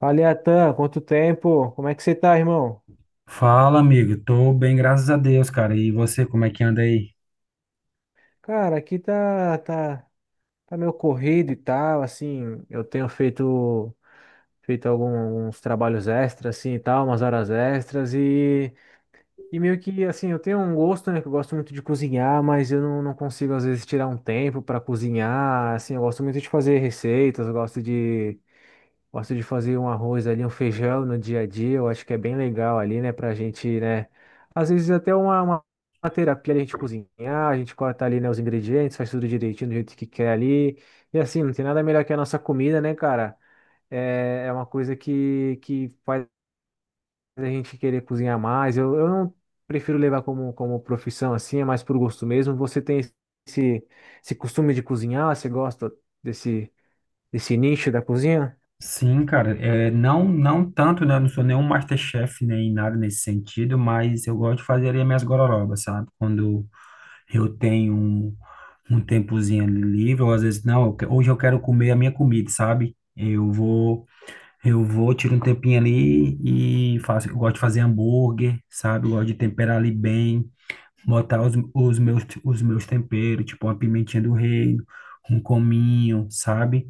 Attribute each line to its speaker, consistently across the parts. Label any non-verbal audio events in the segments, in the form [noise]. Speaker 1: Fala, Atan, quanto tempo? Como é que você tá, irmão?
Speaker 2: Fala, amigo. Tô bem, graças a Deus, cara. E você, como é que anda aí?
Speaker 1: Cara, aqui tá meio corrido e tal, assim, feito alguns trabalhos extras, assim, e tal, umas horas extras e meio que, assim, eu tenho um gosto, né, que eu gosto muito de cozinhar, mas eu não, não consigo, às vezes, tirar um tempo para cozinhar, assim, eu gosto muito de fazer receitas, eu gosto de fazer um arroz ali, um feijão no dia a dia. Eu acho que é bem legal ali, né? Pra gente, né? Às vezes até uma terapia ali, a gente cozinhar, a gente corta ali, né, os ingredientes, faz tudo direitinho do jeito que quer ali. E assim, não tem nada melhor que a nossa comida, né, cara? É uma coisa que faz a gente querer cozinhar mais. Eu não prefiro levar como profissão assim, é mais por gosto mesmo. Você tem esse, esse costume de cozinhar? Você gosta desse, desse nicho da cozinha?
Speaker 2: Sim, cara. É, não, não tanto, né? Eu não sou nenhum MasterChef nem nada nesse sentido, mas eu gosto de fazer ali as minhas gororobas, sabe? Quando eu tenho um tempozinho ali livre, ou às vezes, não, hoje eu quero comer a minha comida, sabe? Eu vou, tiro um tempinho ali e faço. Eu gosto de fazer hambúrguer, sabe? Eu gosto de temperar ali bem. Botar os meus temperos, tipo uma pimentinha do reino, um cominho, sabe?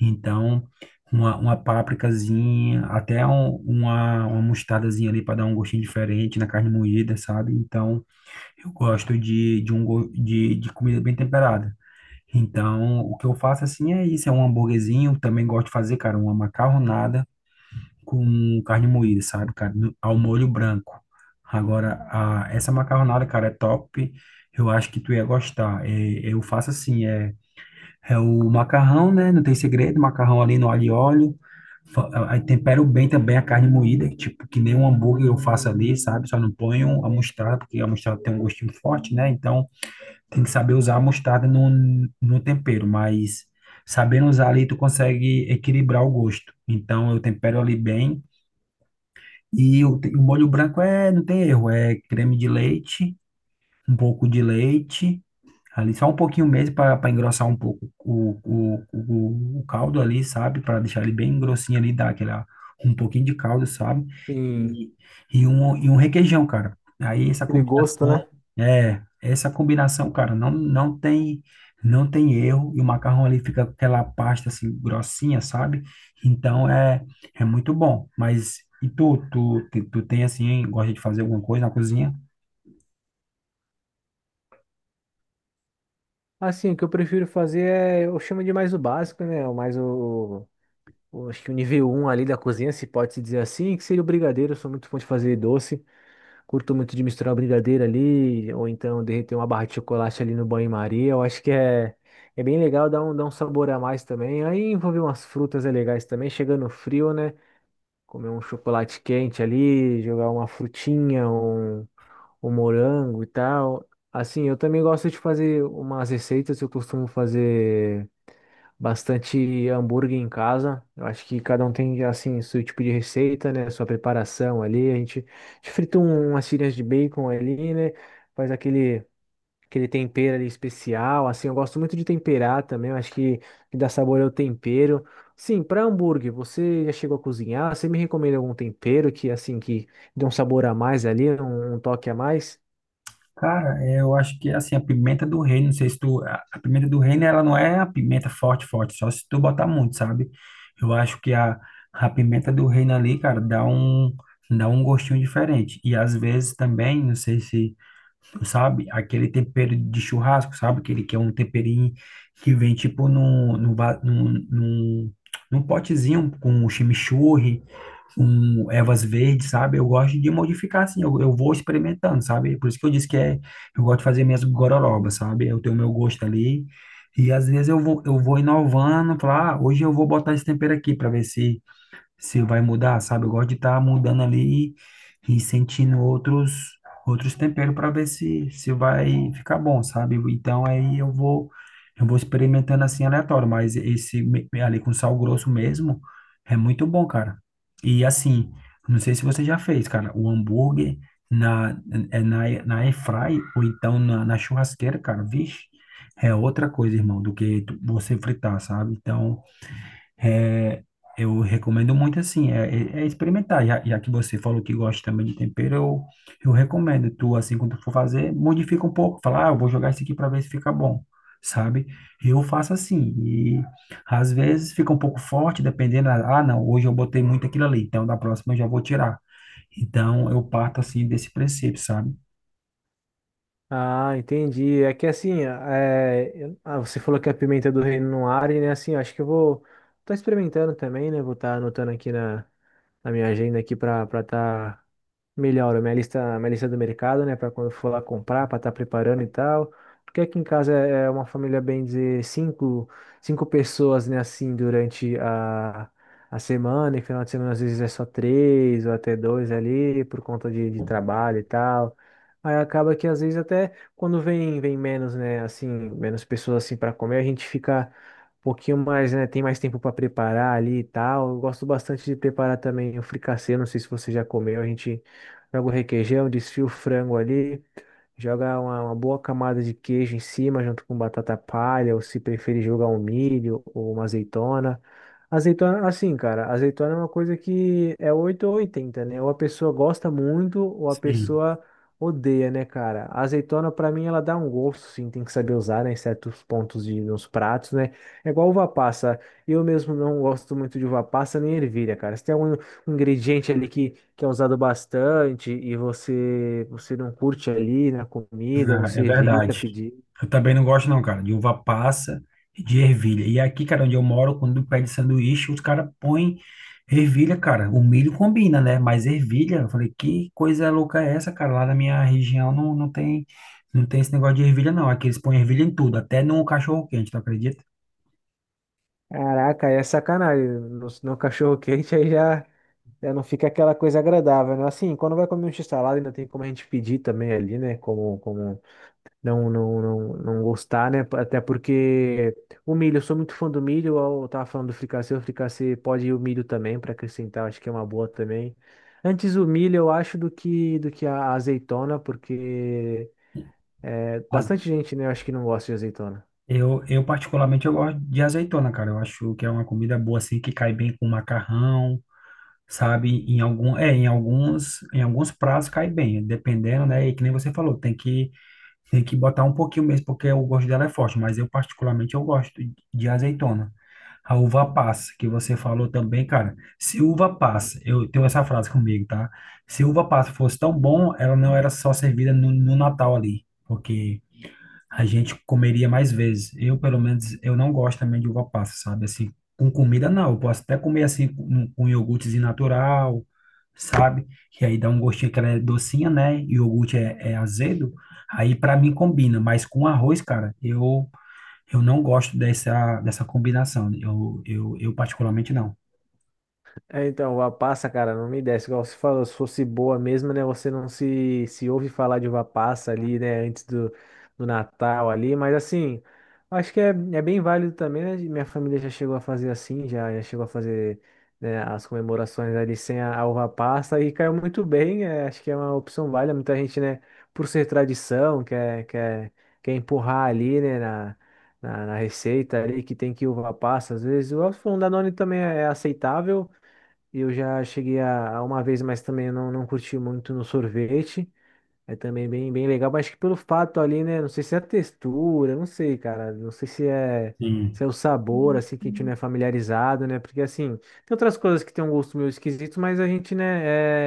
Speaker 2: Então, uma pápricazinha, até uma mostardazinha ali para dar um gostinho diferente na carne moída, sabe? Então, eu gosto de, um, go- de comida bem temperada. Então, o que eu faço assim é isso, é um hambúrguerzinho, também gosto de fazer, cara, uma macarronada, com carne moída, sabe, cara? Ao molho branco. Agora, essa macarronada, cara, é top. Eu acho que tu ia gostar. É, eu faço assim, é o macarrão, né? Não tem segredo, macarrão ali no alho e óleo. Aí tempero bem também a carne moída, tipo, que nem um hambúrguer eu faço ali, sabe? Só não ponho a mostarda, porque a mostarda tem um gostinho forte, né? Então, tem que saber usar a mostarda no tempero, mas sabendo usar ali, tu consegue equilibrar o gosto. Então, eu tempero ali bem, e o molho branco é, não tem erro, é creme de leite, um pouco de leite, ali só um pouquinho mesmo para engrossar um pouco o caldo ali, sabe? Para deixar ele bem grossinho ali, dar aquela, um pouquinho de caldo, sabe?
Speaker 1: E,
Speaker 2: E, e um requeijão, cara. Aí essa
Speaker 1: aquele gosto, né?
Speaker 2: combinação, é, essa combinação, cara, não tem, não tem erro. E o macarrão ali fica com aquela pasta assim, grossinha, sabe? Então é, é muito bom. Mas e tu tem assim, gosta de fazer alguma coisa na cozinha?
Speaker 1: Assim, o que eu prefiro fazer é, eu chamo de mais o básico, né? O mais acho que o nível um ali da cozinha, se pode se dizer assim, que seria o brigadeiro. Eu sou muito fã de fazer doce, curto muito de misturar o brigadeiro ali, ou então derreter uma barra de chocolate ali no banho-maria. Eu acho que é bem legal, dá um sabor a mais também. Aí envolver umas frutas é legais também, chegando frio, né? Comer um chocolate quente ali, jogar uma frutinha, um, o morango e tal. Assim, eu também gosto de fazer umas receitas, eu costumo fazer bastante hambúrguer em casa. Eu acho que cada um tem, assim, seu tipo de receita, né? Sua preparação ali. A gente frita umas tirinhas de bacon ali, né? Faz aquele, aquele tempero ali especial. Assim, eu gosto muito de temperar também. Eu acho que dá sabor ao tempero. Sim, para hambúrguer, você já chegou a cozinhar? Você me recomenda algum tempero que, assim, que dê um sabor a mais ali, um toque a mais?
Speaker 2: Cara, é, eu acho que assim, a pimenta do reino, não sei se tu. A pimenta do reino, ela não é a pimenta forte, forte, só se tu botar muito, sabe? Eu acho que a pimenta do reino ali, cara, dá um gostinho diferente. E às vezes também, não sei se tu sabe, aquele tempero de churrasco, sabe? Aquele que é um temperinho que vem tipo num, num, va- num, num, num potezinho com chimichurri, um ervas verdes, sabe? Eu gosto de modificar assim, eu vou experimentando, sabe? Por isso que eu disse que é, eu gosto de fazer minhas gororobas, sabe? Eu tenho meu gosto ali. E às vezes eu vou inovando, falar, ah, hoje eu vou botar esse tempero aqui para ver se se vai mudar, sabe? Eu gosto de estar mudando ali e sentindo outros outros temperos para ver se se vai ficar bom, sabe? Então aí eu vou experimentando assim aleatório, mas ali com sal grosso mesmo é muito bom, cara. E assim, não sei se você já fez, cara, o hambúrguer na é na air fry ou então na churrasqueira, cara, vixe, é outra coisa, irmão, você fritar, sabe? Então é, eu recomendo muito assim, é experimentar. Já que você falou que gosta também de tempero, eu recomendo. Tu, assim, quando tu for fazer, modifica um pouco. Fala, ah, eu vou jogar isso aqui para ver se fica bom, sabe? Eu faço assim. E às vezes fica um pouco forte, dependendo. Ah, não, hoje eu botei muito aquilo ali, então da próxima eu já vou tirar. Então eu parto assim desse princípio, sabe?
Speaker 1: Ah, entendi. É que assim, você falou que a pimenta do reino não arde, né? Assim, eu acho que eu vou tá experimentando também, né? Vou estar anotando aqui na minha agenda aqui para estar Melhoro minha lista do mercado, né? Para quando for lá comprar, para estar preparando e tal. Porque aqui em casa é uma família, bem dizer, cinco pessoas, né? Assim, durante a semana. E final de semana, às vezes, é só três ou até dois ali, por conta de trabalho e tal. Aí acaba que, às vezes, até quando vem menos, né? Assim, menos pessoas, assim, para comer, a gente fica um pouquinho mais, né? Tem mais tempo para preparar ali e tal. Eu gosto bastante de preparar também o fricassê. Não sei se você já comeu, a gente. Joga o requeijão, desfia o frango ali, joga uma boa camada de queijo em cima, junto com batata palha, ou se preferir jogar um milho ou uma azeitona. Azeitona, assim, cara, azeitona é uma coisa que é 8 ou 80, né? Ou a pessoa gosta muito, ou a
Speaker 2: Sim.
Speaker 1: pessoa odeia, né, cara? A azeitona, pra mim, ela dá um gosto, sim, tem que saber usar, né, em certos pontos de, nos pratos, né? É igual uva passa. Eu mesmo não gosto muito de uva passa nem ervilha, cara. Se tem algum ingrediente ali que é usado bastante e você não curte ali na comida,
Speaker 2: Ah, é
Speaker 1: você evita
Speaker 2: verdade.
Speaker 1: pedir.
Speaker 2: Eu também não gosto, não, cara, de uva passa e de ervilha. E aqui, cara, onde eu moro, quando pede sanduíche, os caras põem ervilha, cara. O milho combina, né? Mas ervilha, eu falei, que coisa louca é essa, cara? Lá na minha região não tem, não tem esse negócio de ervilha, não. Aqui eles põem ervilha em tudo, até no cachorro-quente, tu acredita?
Speaker 1: Caraca, aí é sacanagem. No cachorro quente aí já não fica aquela coisa agradável, né? Assim, quando vai comer um x-salada ainda tem como a gente pedir também ali, né? Como não gostar, né? Até porque o milho, eu sou muito fã do milho, eu tava falando do fricassê, o fricassê pode ir o milho também para acrescentar, acho que é uma boa também. Antes o milho, eu acho, do que a azeitona, porque é,
Speaker 2: Mas
Speaker 1: bastante gente, né? Eu acho que não gosta de azeitona.
Speaker 2: particularmente, eu gosto de azeitona, cara. Eu acho que é uma comida boa, assim, que cai bem com macarrão. Sabe? Em algum, é, em alguns prazos cai bem, dependendo, né? E que nem você falou, tem que botar um pouquinho mesmo, porque o gosto dela é forte, mas eu particularmente eu gosto de azeitona. A uva passa, que você falou também, cara. Se uva passa, eu tenho essa frase comigo, tá? Se uva passa fosse tão bom, ela não era só servida no Natal ali, porque a gente comeria mais vezes. Eu, pelo menos, eu não gosto também de uva passa, sabe? Assim, com comida não. Eu posso até comer assim com iogurtezinho natural, sabe? Que aí dá um gostinho que ela é docinha, né? E o iogurte é, é azedo. Aí pra mim combina, mas com arroz, cara, eu não gosto dessa dessa combinação. Eu particularmente não.
Speaker 1: É, então, uva passa, cara, não me desce. Igual você falou, se fosse boa mesmo, né? Você não se ouve falar de uva passa ali, né? Antes do Natal ali. Mas assim, acho que é bem válido também, né? Minha família já chegou a fazer assim, já chegou a fazer, né, as comemorações ali sem a uva passa e caiu muito bem. É, acho que é uma opção válida. Muita gente, né, por ser tradição, quer empurrar ali, né? Na receita ali que tem que uva passa, às vezes. O se for um Danone também é aceitável, eu já cheguei a uma vez, mas também eu não, não curti muito no sorvete. É também bem legal, mas acho que pelo fato ali, né? Não sei se é a textura, não sei, cara. Não sei se
Speaker 2: Sim,
Speaker 1: se é o sabor, assim, que a gente não é familiarizado, né? Porque, assim, tem outras coisas que tem um gosto meio esquisito, mas a gente, né,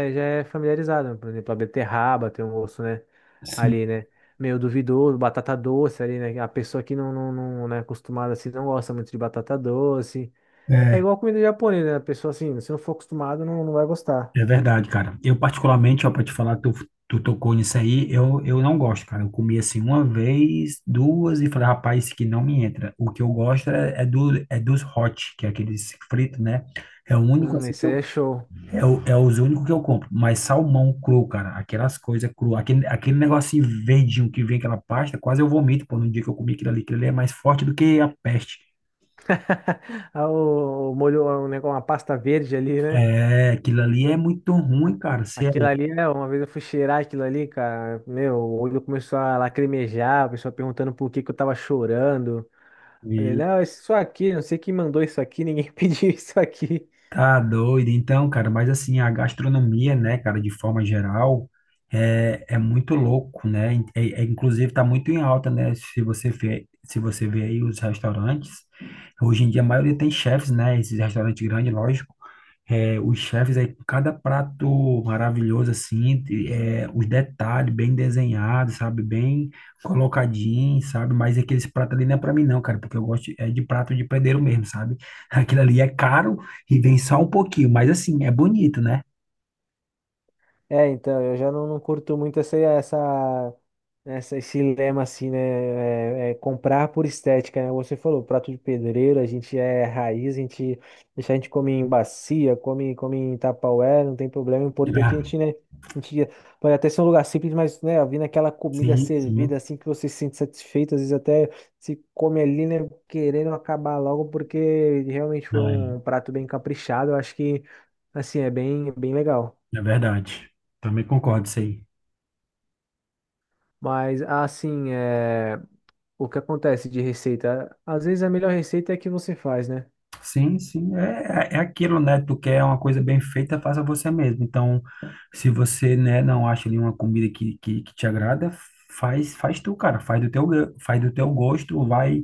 Speaker 1: já é familiarizado, né? Por exemplo, a beterraba tem um gosto, né?
Speaker 2: sim.
Speaker 1: Ali, né? Meio duvidoso, batata doce ali, né? A pessoa que não é acostumada, assim, não gosta muito de batata doce. É
Speaker 2: É,
Speaker 1: igual comida japonesa, né? A pessoa, assim, se não for acostumado, não vai gostar.
Speaker 2: é verdade, cara. Eu, particularmente, ó, pra te falar, tu, tu tocou nisso aí, eu não gosto, cara. Eu comi assim uma vez, duas, e falei, rapaz, isso aqui não me entra. O que eu gosto é, é dos hot, que é aqueles fritos, né? É o único assim que
Speaker 1: Esse aí é show.
Speaker 2: é os únicos que eu compro. Mas salmão cru, cara, aquelas coisas cru, aquele negocinho verdinho que vem aquela pasta, quase eu vomito, pô, no dia que eu comi aquilo ali é mais forte do que a peste.
Speaker 1: [laughs] Ah, o molho, um negócio, uma pasta verde ali, né?
Speaker 2: É, aquilo ali é muito ruim, cara. Você é
Speaker 1: Aquilo
Speaker 2: louco.
Speaker 1: ali, né? Uma vez eu fui cheirar aquilo ali, cara. Meu, o olho começou a lacrimejar, o pessoal perguntando por que que eu tava chorando. Falei, não, isso aqui, não sei quem mandou isso aqui, ninguém [laughs] pediu isso aqui.
Speaker 2: Tá doido, então, cara, mas assim, a gastronomia, né, cara, de forma geral, é, é muito louco, né? Inclusive, tá muito em alta, né? Se você vê aí os restaurantes, hoje em dia a maioria tem chefes, né? Esses restaurantes grandes, lógico. É, os chefes aí, com cada prato maravilhoso, assim, os detalhes bem desenhados, sabe? Bem colocadinho, sabe? Mas aqueles pratos ali não é pra mim, não, cara, porque eu gosto é de prato de padeiro mesmo, sabe? [laughs] Aquilo ali é caro e vem só um pouquinho, mas assim, é bonito, né?
Speaker 1: É, então, eu já não curto muito esse lema assim, né? É comprar por estética, né? Você falou, prato de pedreiro, a gente é raiz, a gente deixa a gente come em bacia, come em tupperware, não tem problema. O importante é
Speaker 2: Ah,
Speaker 1: a gente, né? A gente pode até ser um lugar simples, mas, né, vindo aquela comida
Speaker 2: sim, sim,
Speaker 1: servida assim que você se sente satisfeito, às vezes até se come ali, né? Querendo acabar logo, porque realmente foi
Speaker 2: não é,
Speaker 1: um prato bem caprichado. Eu acho que, assim, bem legal.
Speaker 2: é verdade. Também concordo isso aí.
Speaker 1: Mas assim, é... o que acontece de receita? Às vezes a melhor receita é a que você faz, né?
Speaker 2: Sim, sim, é, é aquilo, né? Tu quer uma coisa bem feita, faça você mesmo. Então, se você, né, não acha ali uma comida que te agrada, faz tu, cara. Faz do teu, faz do teu gosto, vai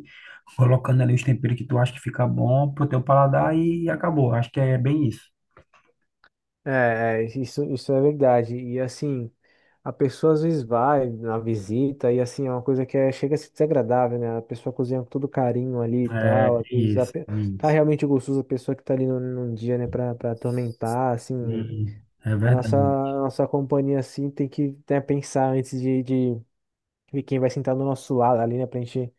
Speaker 2: colocando ali os temperos que tu acha que fica bom pro teu paladar e acabou. Acho que é bem isso.
Speaker 1: Isso, isso é verdade. E assim, a pessoa às vezes vai na visita e assim, é uma coisa chega a ser desagradável, né? A pessoa cozinha com todo carinho ali e
Speaker 2: É,
Speaker 1: tal. Às vezes a
Speaker 2: isso,
Speaker 1: pe- Tá
Speaker 2: isso.
Speaker 1: realmente gostoso, a pessoa que tá ali no, num dia, né, pra atormentar, assim.
Speaker 2: Sim, é verdade.
Speaker 1: A nossa companhia, assim, tem que, né, pensar antes de ver quem vai sentar do nosso lado ali, né? Pra gente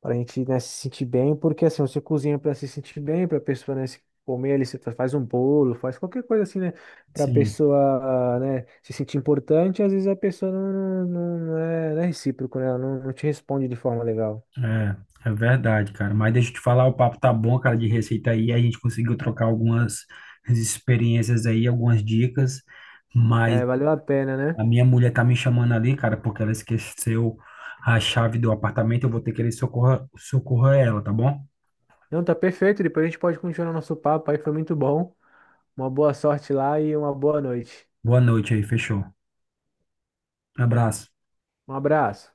Speaker 1: Para a gente, né, se sentir bem, porque assim, você cozinha para se sentir bem, para a pessoa, né, se comer ali, você faz um bolo, faz qualquer coisa assim, né, para a
Speaker 2: Sim,
Speaker 1: pessoa, né, se sentir importante, às vezes a pessoa não é, não é recíproco, né, ela não te responde de forma legal.
Speaker 2: é, é verdade, cara. Mas deixa eu te falar, o papo tá bom, cara, de receita aí. A gente conseguiu trocar algumas experiências aí, algumas dicas. Mas
Speaker 1: É, valeu a pena, né?
Speaker 2: a minha mulher tá me chamando ali, cara, porque ela esqueceu a chave do apartamento. Eu vou ter que ir socorrer, socorrer ela, tá bom?
Speaker 1: Não, tá perfeito, depois a gente pode continuar nosso papo aí, foi muito bom. Uma boa sorte lá e uma boa noite.
Speaker 2: Boa noite aí, fechou. Abraço.
Speaker 1: Um abraço.